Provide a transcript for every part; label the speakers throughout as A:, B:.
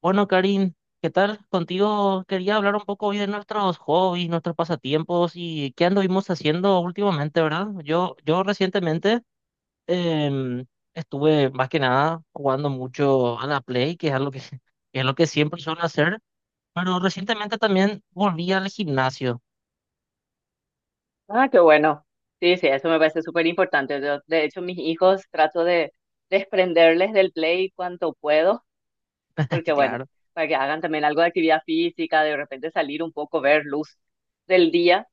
A: Bueno, Karin, ¿qué tal? Contigo quería hablar un poco hoy de nuestros hobbies, nuestros pasatiempos y qué anduvimos haciendo últimamente, ¿verdad? Yo recientemente em, estuve más que nada jugando mucho a la Play, que es algo que, que es lo que siempre suelo hacer, pero recientemente también volví al gimnasio,
B: Ah, qué bueno. Sí, sí, eso me parece súper importante. Yo, de hecho, mis hijos trato de desprenderles del play cuanto puedo, porque bueno,
A: claro.
B: para que hagan también algo de actividad física, de repente salir un poco, ver luz del día.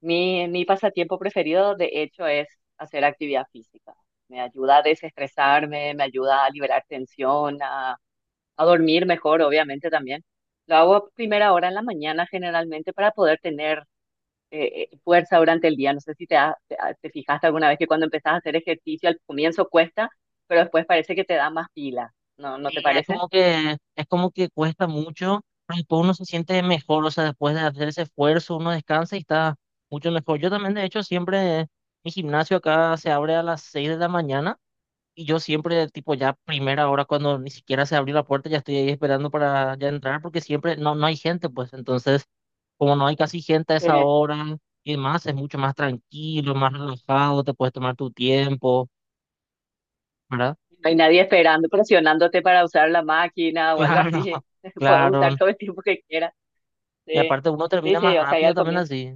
B: Mi pasatiempo preferido, de hecho, es hacer actividad física. Me ayuda a desestresarme, me ayuda a liberar tensión, a dormir mejor, obviamente también. Lo hago a primera hora en la mañana generalmente para poder tener fuerza durante el día. No sé si te fijaste alguna vez que cuando empezás a hacer ejercicio al comienzo cuesta, pero después parece que te da más pila, ¿no? ¿No te
A: Y es
B: parece?
A: como que, es como que cuesta mucho, pero después uno se siente mejor, o sea, después de hacer ese esfuerzo, uno descansa y está mucho mejor. Yo también, de hecho, siempre, mi gimnasio acá se abre a las 6 de la mañana y yo siempre, tipo, ya primera hora, cuando ni siquiera se abrió la puerta, ya estoy ahí esperando para ya entrar, porque siempre no hay gente, pues, entonces, como no hay casi gente a esa
B: Eh,
A: hora y demás, es mucho más tranquilo, más relajado, te puedes tomar tu tiempo, ¿verdad?
B: no hay nadie esperando, presionándote para usar la máquina o algo así. Puedes
A: Claro.
B: usar
A: Claro.
B: todo el tiempo que quieras.
A: Y
B: Sí,
A: aparte uno
B: sí,
A: termina
B: sí,
A: más
B: o sea, ya
A: rápido
B: al
A: también
B: comienzo.
A: así.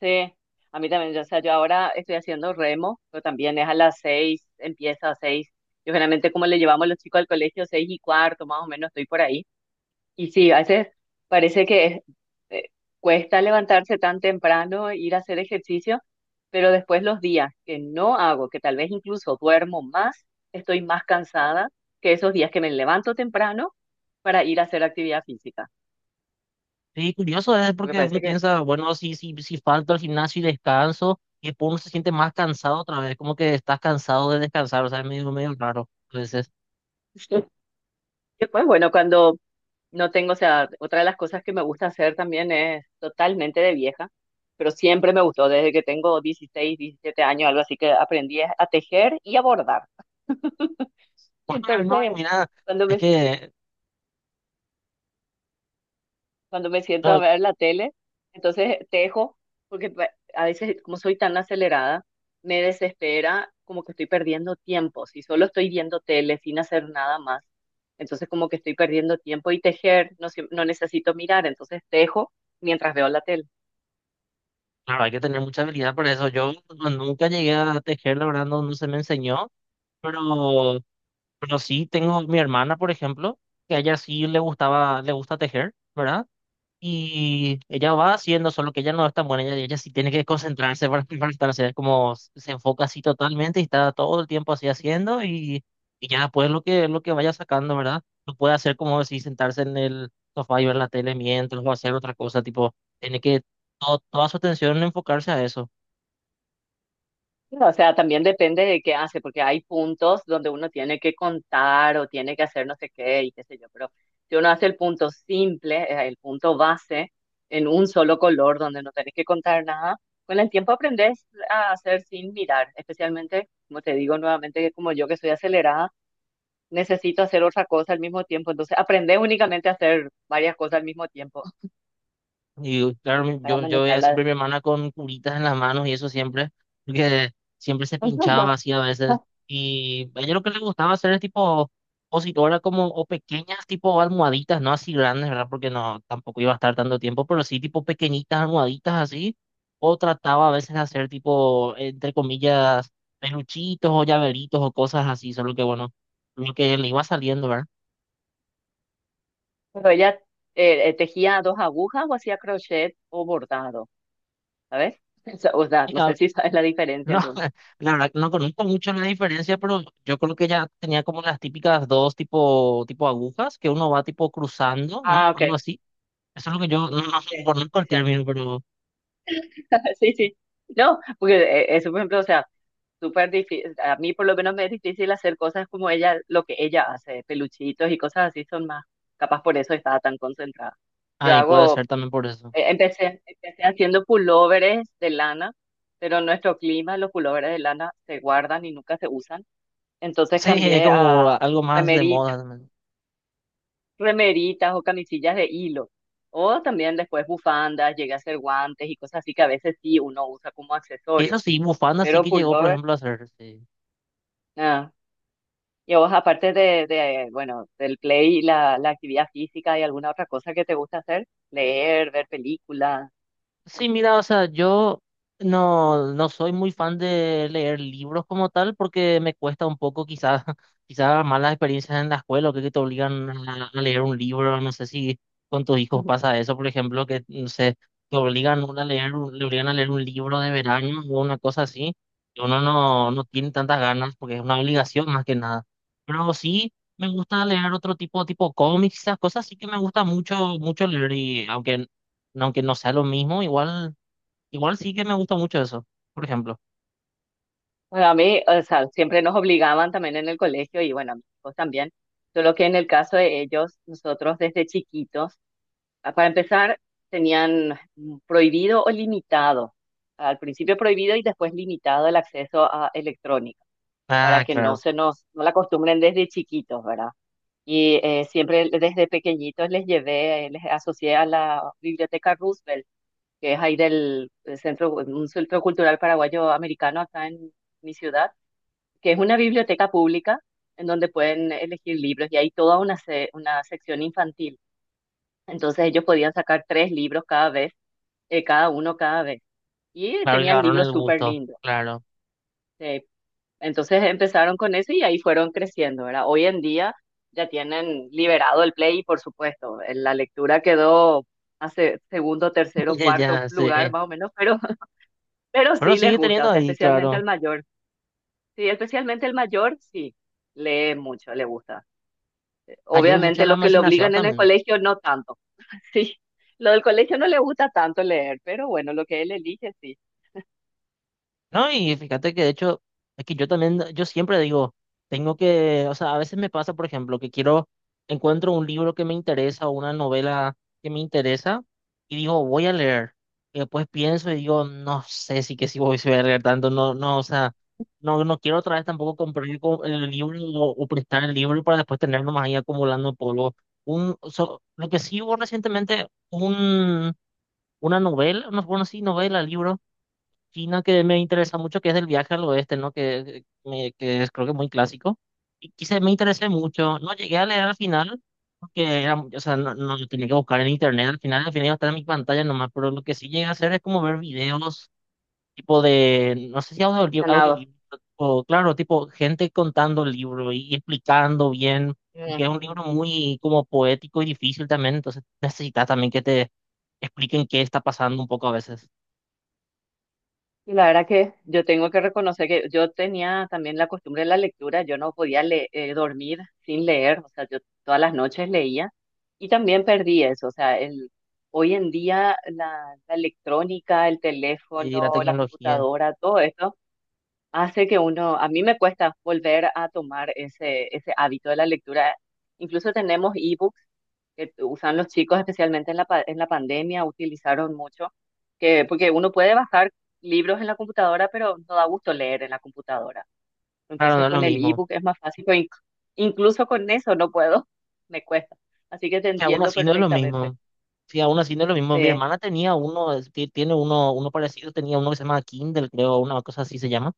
B: Sí, a mí también, yo ahora estoy haciendo remo, pero también es a las seis, empieza a seis. Yo generalmente como le llevamos los chicos al colegio, seis y cuarto, más o menos, estoy por ahí. Y sí, a veces parece que eh, cuesta levantarse tan temprano, ir a hacer ejercicio, pero después los días que no hago, que tal vez incluso duermo más, estoy más cansada que esos días que me levanto temprano para ir a hacer actividad física.
A: Sí, curioso es
B: Porque
A: porque uno
B: parece que
A: piensa, bueno, si falto al gimnasio y descanso, y después uno se siente más cansado otra vez, como que estás cansado de descansar, o sea, es medio raro. Entonces,
B: después, bueno, cuando no tengo, o sea, otra de las cosas que me gusta hacer también es totalmente de vieja, pero siempre me gustó, desde que tengo 16 17 años, algo así que aprendí a tejer y a bordar.
A: bueno, no, y
B: Entonces,
A: mira,
B: cuando
A: es
B: me,
A: que,
B: cuando me siento a
A: no,
B: ver la tele, entonces tejo, porque a veces, como soy tan acelerada, me desespera como que estoy perdiendo tiempo. Si solo estoy viendo tele sin hacer nada más, entonces como que estoy perdiendo tiempo y tejer, no, no necesito mirar, entonces tejo mientras veo la tele.
A: claro, hay que tener mucha habilidad para eso. Yo no- Nunca llegué a tejer, la verdad, no se me enseñó, pero, pero sí tengo mi hermana, por ejemplo, que a ella sí le gustaba, le gusta tejer, ¿verdad? Y ella va haciendo, solo que ella no es tan buena, ella sí tiene que concentrarse para, para estar, o como se enfoca así totalmente y está todo el tiempo así haciendo y ya después lo que vaya sacando, ¿verdad? No puede hacer como si sentarse en el sofá y ver la tele mientras o hacer otra cosa, tipo, tiene que toda su atención enfocarse a eso.
B: No, o sea, también depende de qué hace, porque hay puntos donde uno tiene que contar o tiene que hacer no sé qué y qué sé yo, pero si uno hace el punto simple, el punto base, en un solo color donde no tenés que contar nada, con el tiempo aprendes a hacer sin mirar, especialmente, como te digo nuevamente, que como yo que soy acelerada, necesito hacer otra cosa al mismo tiempo, entonces aprendes únicamente a hacer varias cosas al mismo tiempo
A: Y claro,
B: para
A: yo veía
B: manejarla.
A: siempre a mi hermana con curitas en las manos y eso siempre, porque siempre se pinchaba así a veces. Y a ella lo que le gustaba hacer es tipo positora como, o pequeñas tipo almohaditas, no así grandes, ¿verdad? Porque no, tampoco iba a estar tanto tiempo, pero sí tipo pequeñitas almohaditas así. O trataba a veces de hacer tipo, entre comillas, peluchitos o llaveritos o cosas así, solo que bueno, lo que le iba saliendo, ¿verdad?
B: Pero ella tejía dos agujas o hacía crochet o bordado. ¿Sabes? Esa- O sea, no sé si sabes la diferencia
A: No,
B: entre uno.
A: la verdad no conozco mucho la diferencia, pero yo creo que ya tenía como las típicas dos tipo, tipo agujas que uno va tipo cruzando, ¿no?
B: Ah, ok.
A: Algo así. Eso es lo que yo no
B: Sí,
A: conozco
B: sí,
A: el
B: sí.
A: término, pero
B: Sí, sí. No, porque eso, por ejemplo, o sea, súper difícil, a mí por lo menos me es difícil hacer cosas como ella, lo que ella hace, peluchitos y cosas así son más, capaz por eso estaba tan concentrada. Yo
A: ahí puede ser
B: hago,
A: también por eso.
B: empecé haciendo pulóveres de lana, pero en nuestro clima los pulóveres de lana se guardan y nunca se usan, entonces
A: Sí, es
B: cambié
A: como
B: a
A: algo más de
B: remeritas
A: moda también.
B: remeritas o camisillas de hilo. O también después bufandas, llega a ser guantes y cosas así que a veces sí uno usa como
A: Y
B: accesorio.
A: eso sí, bufanda sí
B: Pero
A: que llegó, por
B: pullover,
A: ejemplo, a hacer. Sí.
B: ah. Y a vos, aparte de bueno, del play, y la actividad física y alguna otra cosa que te gusta hacer, leer, ver películas.
A: Sí, mira, o sea, yo no soy muy fan de leer libros como tal porque me cuesta un poco quizás quizás malas experiencias en la escuela o que te obligan a leer un libro, no sé si con tus hijos
B: Ujú.
A: pasa eso, por ejemplo, que no sé, te obligan a leer, le obligan a leer un libro de verano o una cosa así, y uno no tiene tantas ganas porque es una obligación más que nada. Pero sí me gusta leer otro tipo, tipo cómics, esas cosas sí que me gusta mucho, mucho leer y aunque no sea lo mismo, igual, igual sí que me gusta mucho eso, por ejemplo.
B: Bueno, a mí, o sea, siempre nos obligaban también en el colegio y bueno, a mis hijos también. Solo que en el caso de ellos, nosotros desde chiquitos ah, para empezar, tenían prohibido o limitado, al principio prohibido y después limitado el acceso a electrónica, para
A: Ah,
B: que no
A: claro,
B: se nos, no la acostumbren desde chiquitos, ¿verdad? Y siempre desde pequeñitos les llevé, les asocié a la Biblioteca Roosevelt, que es ahí del centro, un centro cultural paraguayo americano acá en mi ciudad, que es una biblioteca pública en donde pueden elegir libros y hay toda una, una sección infantil. Entonces ellos podían sacar tres libros cada vez cada uno cada vez. Y
A: claro, y le
B: tenían
A: agarró
B: libros
A: el
B: súper
A: gusto,
B: lindos.
A: claro,
B: eh, entonces empezaron con eso y ahí fueron creciendo, ¿verdad? Hoy en día ya tienen liberado el Play y por supuesto, la lectura quedó hace segundo, tercero, cuarto
A: ya
B: lugar
A: sé.
B: más o menos, pero, pero
A: Pero
B: sí les
A: sigue
B: gusta, o
A: teniendo
B: sea,
A: ahí,
B: especialmente
A: claro,
B: al mayor. Sí, especialmente el mayor, sí, lee mucho, le gusta.
A: ayuda mucho
B: Obviamente
A: a la
B: lo que le
A: imaginación
B: obligan en el
A: también.
B: colegio, no tanto. Sí, lo del colegio no le gusta tanto leer, pero bueno, lo que él elige, sí,
A: No, y fíjate que de hecho, es que yo también, yo siempre digo, tengo que, o sea, a veces me pasa, por ejemplo, que quiero, encuentro un libro que me interesa o una novela que me interesa y digo, voy a leer. Y después pienso y digo, no sé si voy a leer tanto, o sea, no quiero otra vez tampoco comprar el libro o prestar el libro para después tenerlo más ahí acumulando polvo. Lo que sí hubo recientemente, un, una novela, no, bueno, sí, novela, libro China que me interesa mucho, que es del viaje al oeste, ¿no? Que es creo que muy clásico. Y quise, me interesé mucho. No llegué a leer al final, porque era, o sea, no lo tenía que buscar en internet. Al final iba a estar en mi pantalla nomás, pero lo que sí llegué a hacer es como ver videos tipo de, no sé si
B: gusta.
A: audiolibro, o claro, tipo gente contando el libro y explicando bien, porque es un libro muy como poético y difícil también, entonces necesitas también que te expliquen qué está pasando un poco a veces.
B: Y la verdad que yo tengo que reconocer que yo tenía también la costumbre de la lectura, yo no podía dormir sin leer, o sea, yo todas las noches leía y también perdí eso, o sea, el, hoy en día la electrónica, el
A: Y la
B: teléfono, la
A: tecnología.
B: computadora, todo esto hace que uno, a mí me cuesta volver a tomar ese hábito de la lectura. Incluso tenemos ebooks que usan los chicos, especialmente en en la pandemia, utilizaron mucho, que, porque uno puede bajar libros en la computadora, pero no da gusto leer en la computadora.
A: Claro, no
B: Entonces
A: es lo
B: con el
A: mismo.
B: ebook es más fácil, pero incluso con eso no puedo, me cuesta. Así que te
A: Que aún
B: entiendo
A: así no es lo
B: perfectamente.
A: mismo. Sí, aún así no es lo mismo.
B: Sí,
A: Mi hermana tenía uno, tiene uno, uno parecido, tenía uno que se llama Kindle, creo, una cosa así se llama.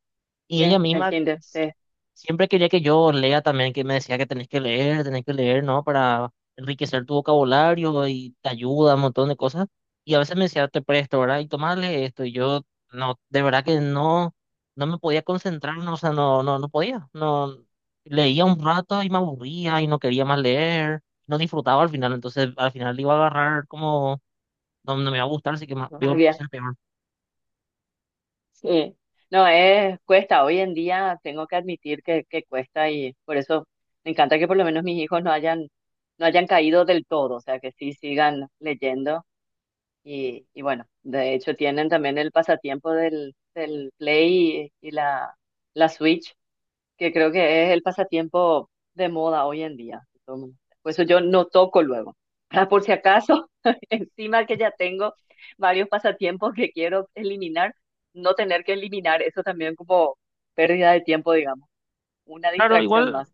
A: Y ella
B: el
A: misma
B: Kindle, sí.
A: siempre quería que yo lea también, que me decía que tenés que leer, ¿no? Para enriquecer tu vocabulario y te ayuda un montón de cosas. Y a veces me decía, te presto, ¿verdad? Y tomarle esto. Y yo, no, de verdad que no, no me podía concentrar, no, o sea, no podía. No, leía un rato y me
B: No
A: aburría
B: s-
A: y no quería más leer. No disfrutaba al final, entonces al final le iba a agarrar como, no me va a gustar, así que más,
B: no
A: iba a
B: sabía.
A: ser peor.
B: Sí. No, es, cuesta. Hoy en día tengo que admitir que cuesta y por eso me encanta que por lo menos mis hijos no hayan, no hayan caído del todo, o sea, que sí sigan leyendo. Y bueno, de hecho tienen también el pasatiempo del Play y la Switch, que creo que es el pasatiempo de moda hoy en día. Todo el mundo- Por eso yo no toco luego. Ah, por si acaso, encima que ya tengo varios pasatiempos que quiero eliminar, no tener que eliminar eso también como pérdida de tiempo, digamos, una
A: Claro,
B: distracción
A: igual.
B: más.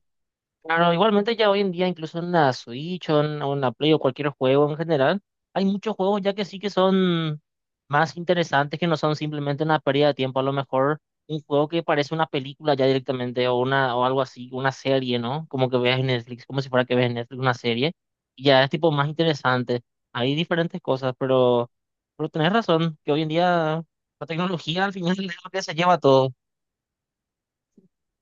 A: Claro, igualmente ya hoy en día, incluso en la Switch o en una Play o cualquier juego en general, hay muchos juegos ya que sí que son más interesantes, que no son simplemente una pérdida de tiempo. A lo mejor un juego que parece una película ya directamente o una o algo así, una serie, ¿no? Como que veas en Netflix, como si fuera que veas en Netflix una serie. Y ya es tipo más interesante. Hay diferentes cosas, pero tenés razón, que hoy en día la tecnología al final es lo que se lleva todo.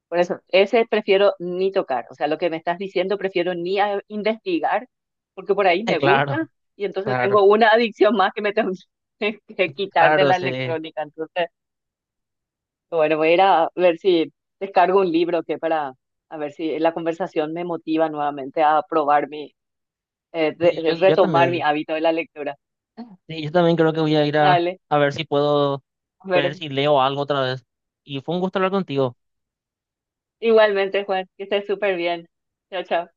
B: Por eso, ese prefiero ni tocar. O sea, lo que me estás diciendo prefiero ni a- investigar, porque por ahí me
A: Claro,
B: gusta y entonces
A: claro,
B: tengo una adicción más que me tengo que quitar de
A: claro,
B: la
A: sí.
B: electrónica. Entonces, bueno, voy a ir a ver si descargo un libro que para, a ver si la conversación me motiva nuevamente a probar mi, de
A: Yo
B: retomar mi
A: también.
B: hábito de la lectura.
A: Sí, yo también creo que voy a ir
B: Dale,
A: a ver si puedo
B: a
A: ver
B: ver,
A: si leo algo otra vez. Y fue un gusto hablar contigo.
B: igualmente, Juan, que estés súper bien. Chao, chao.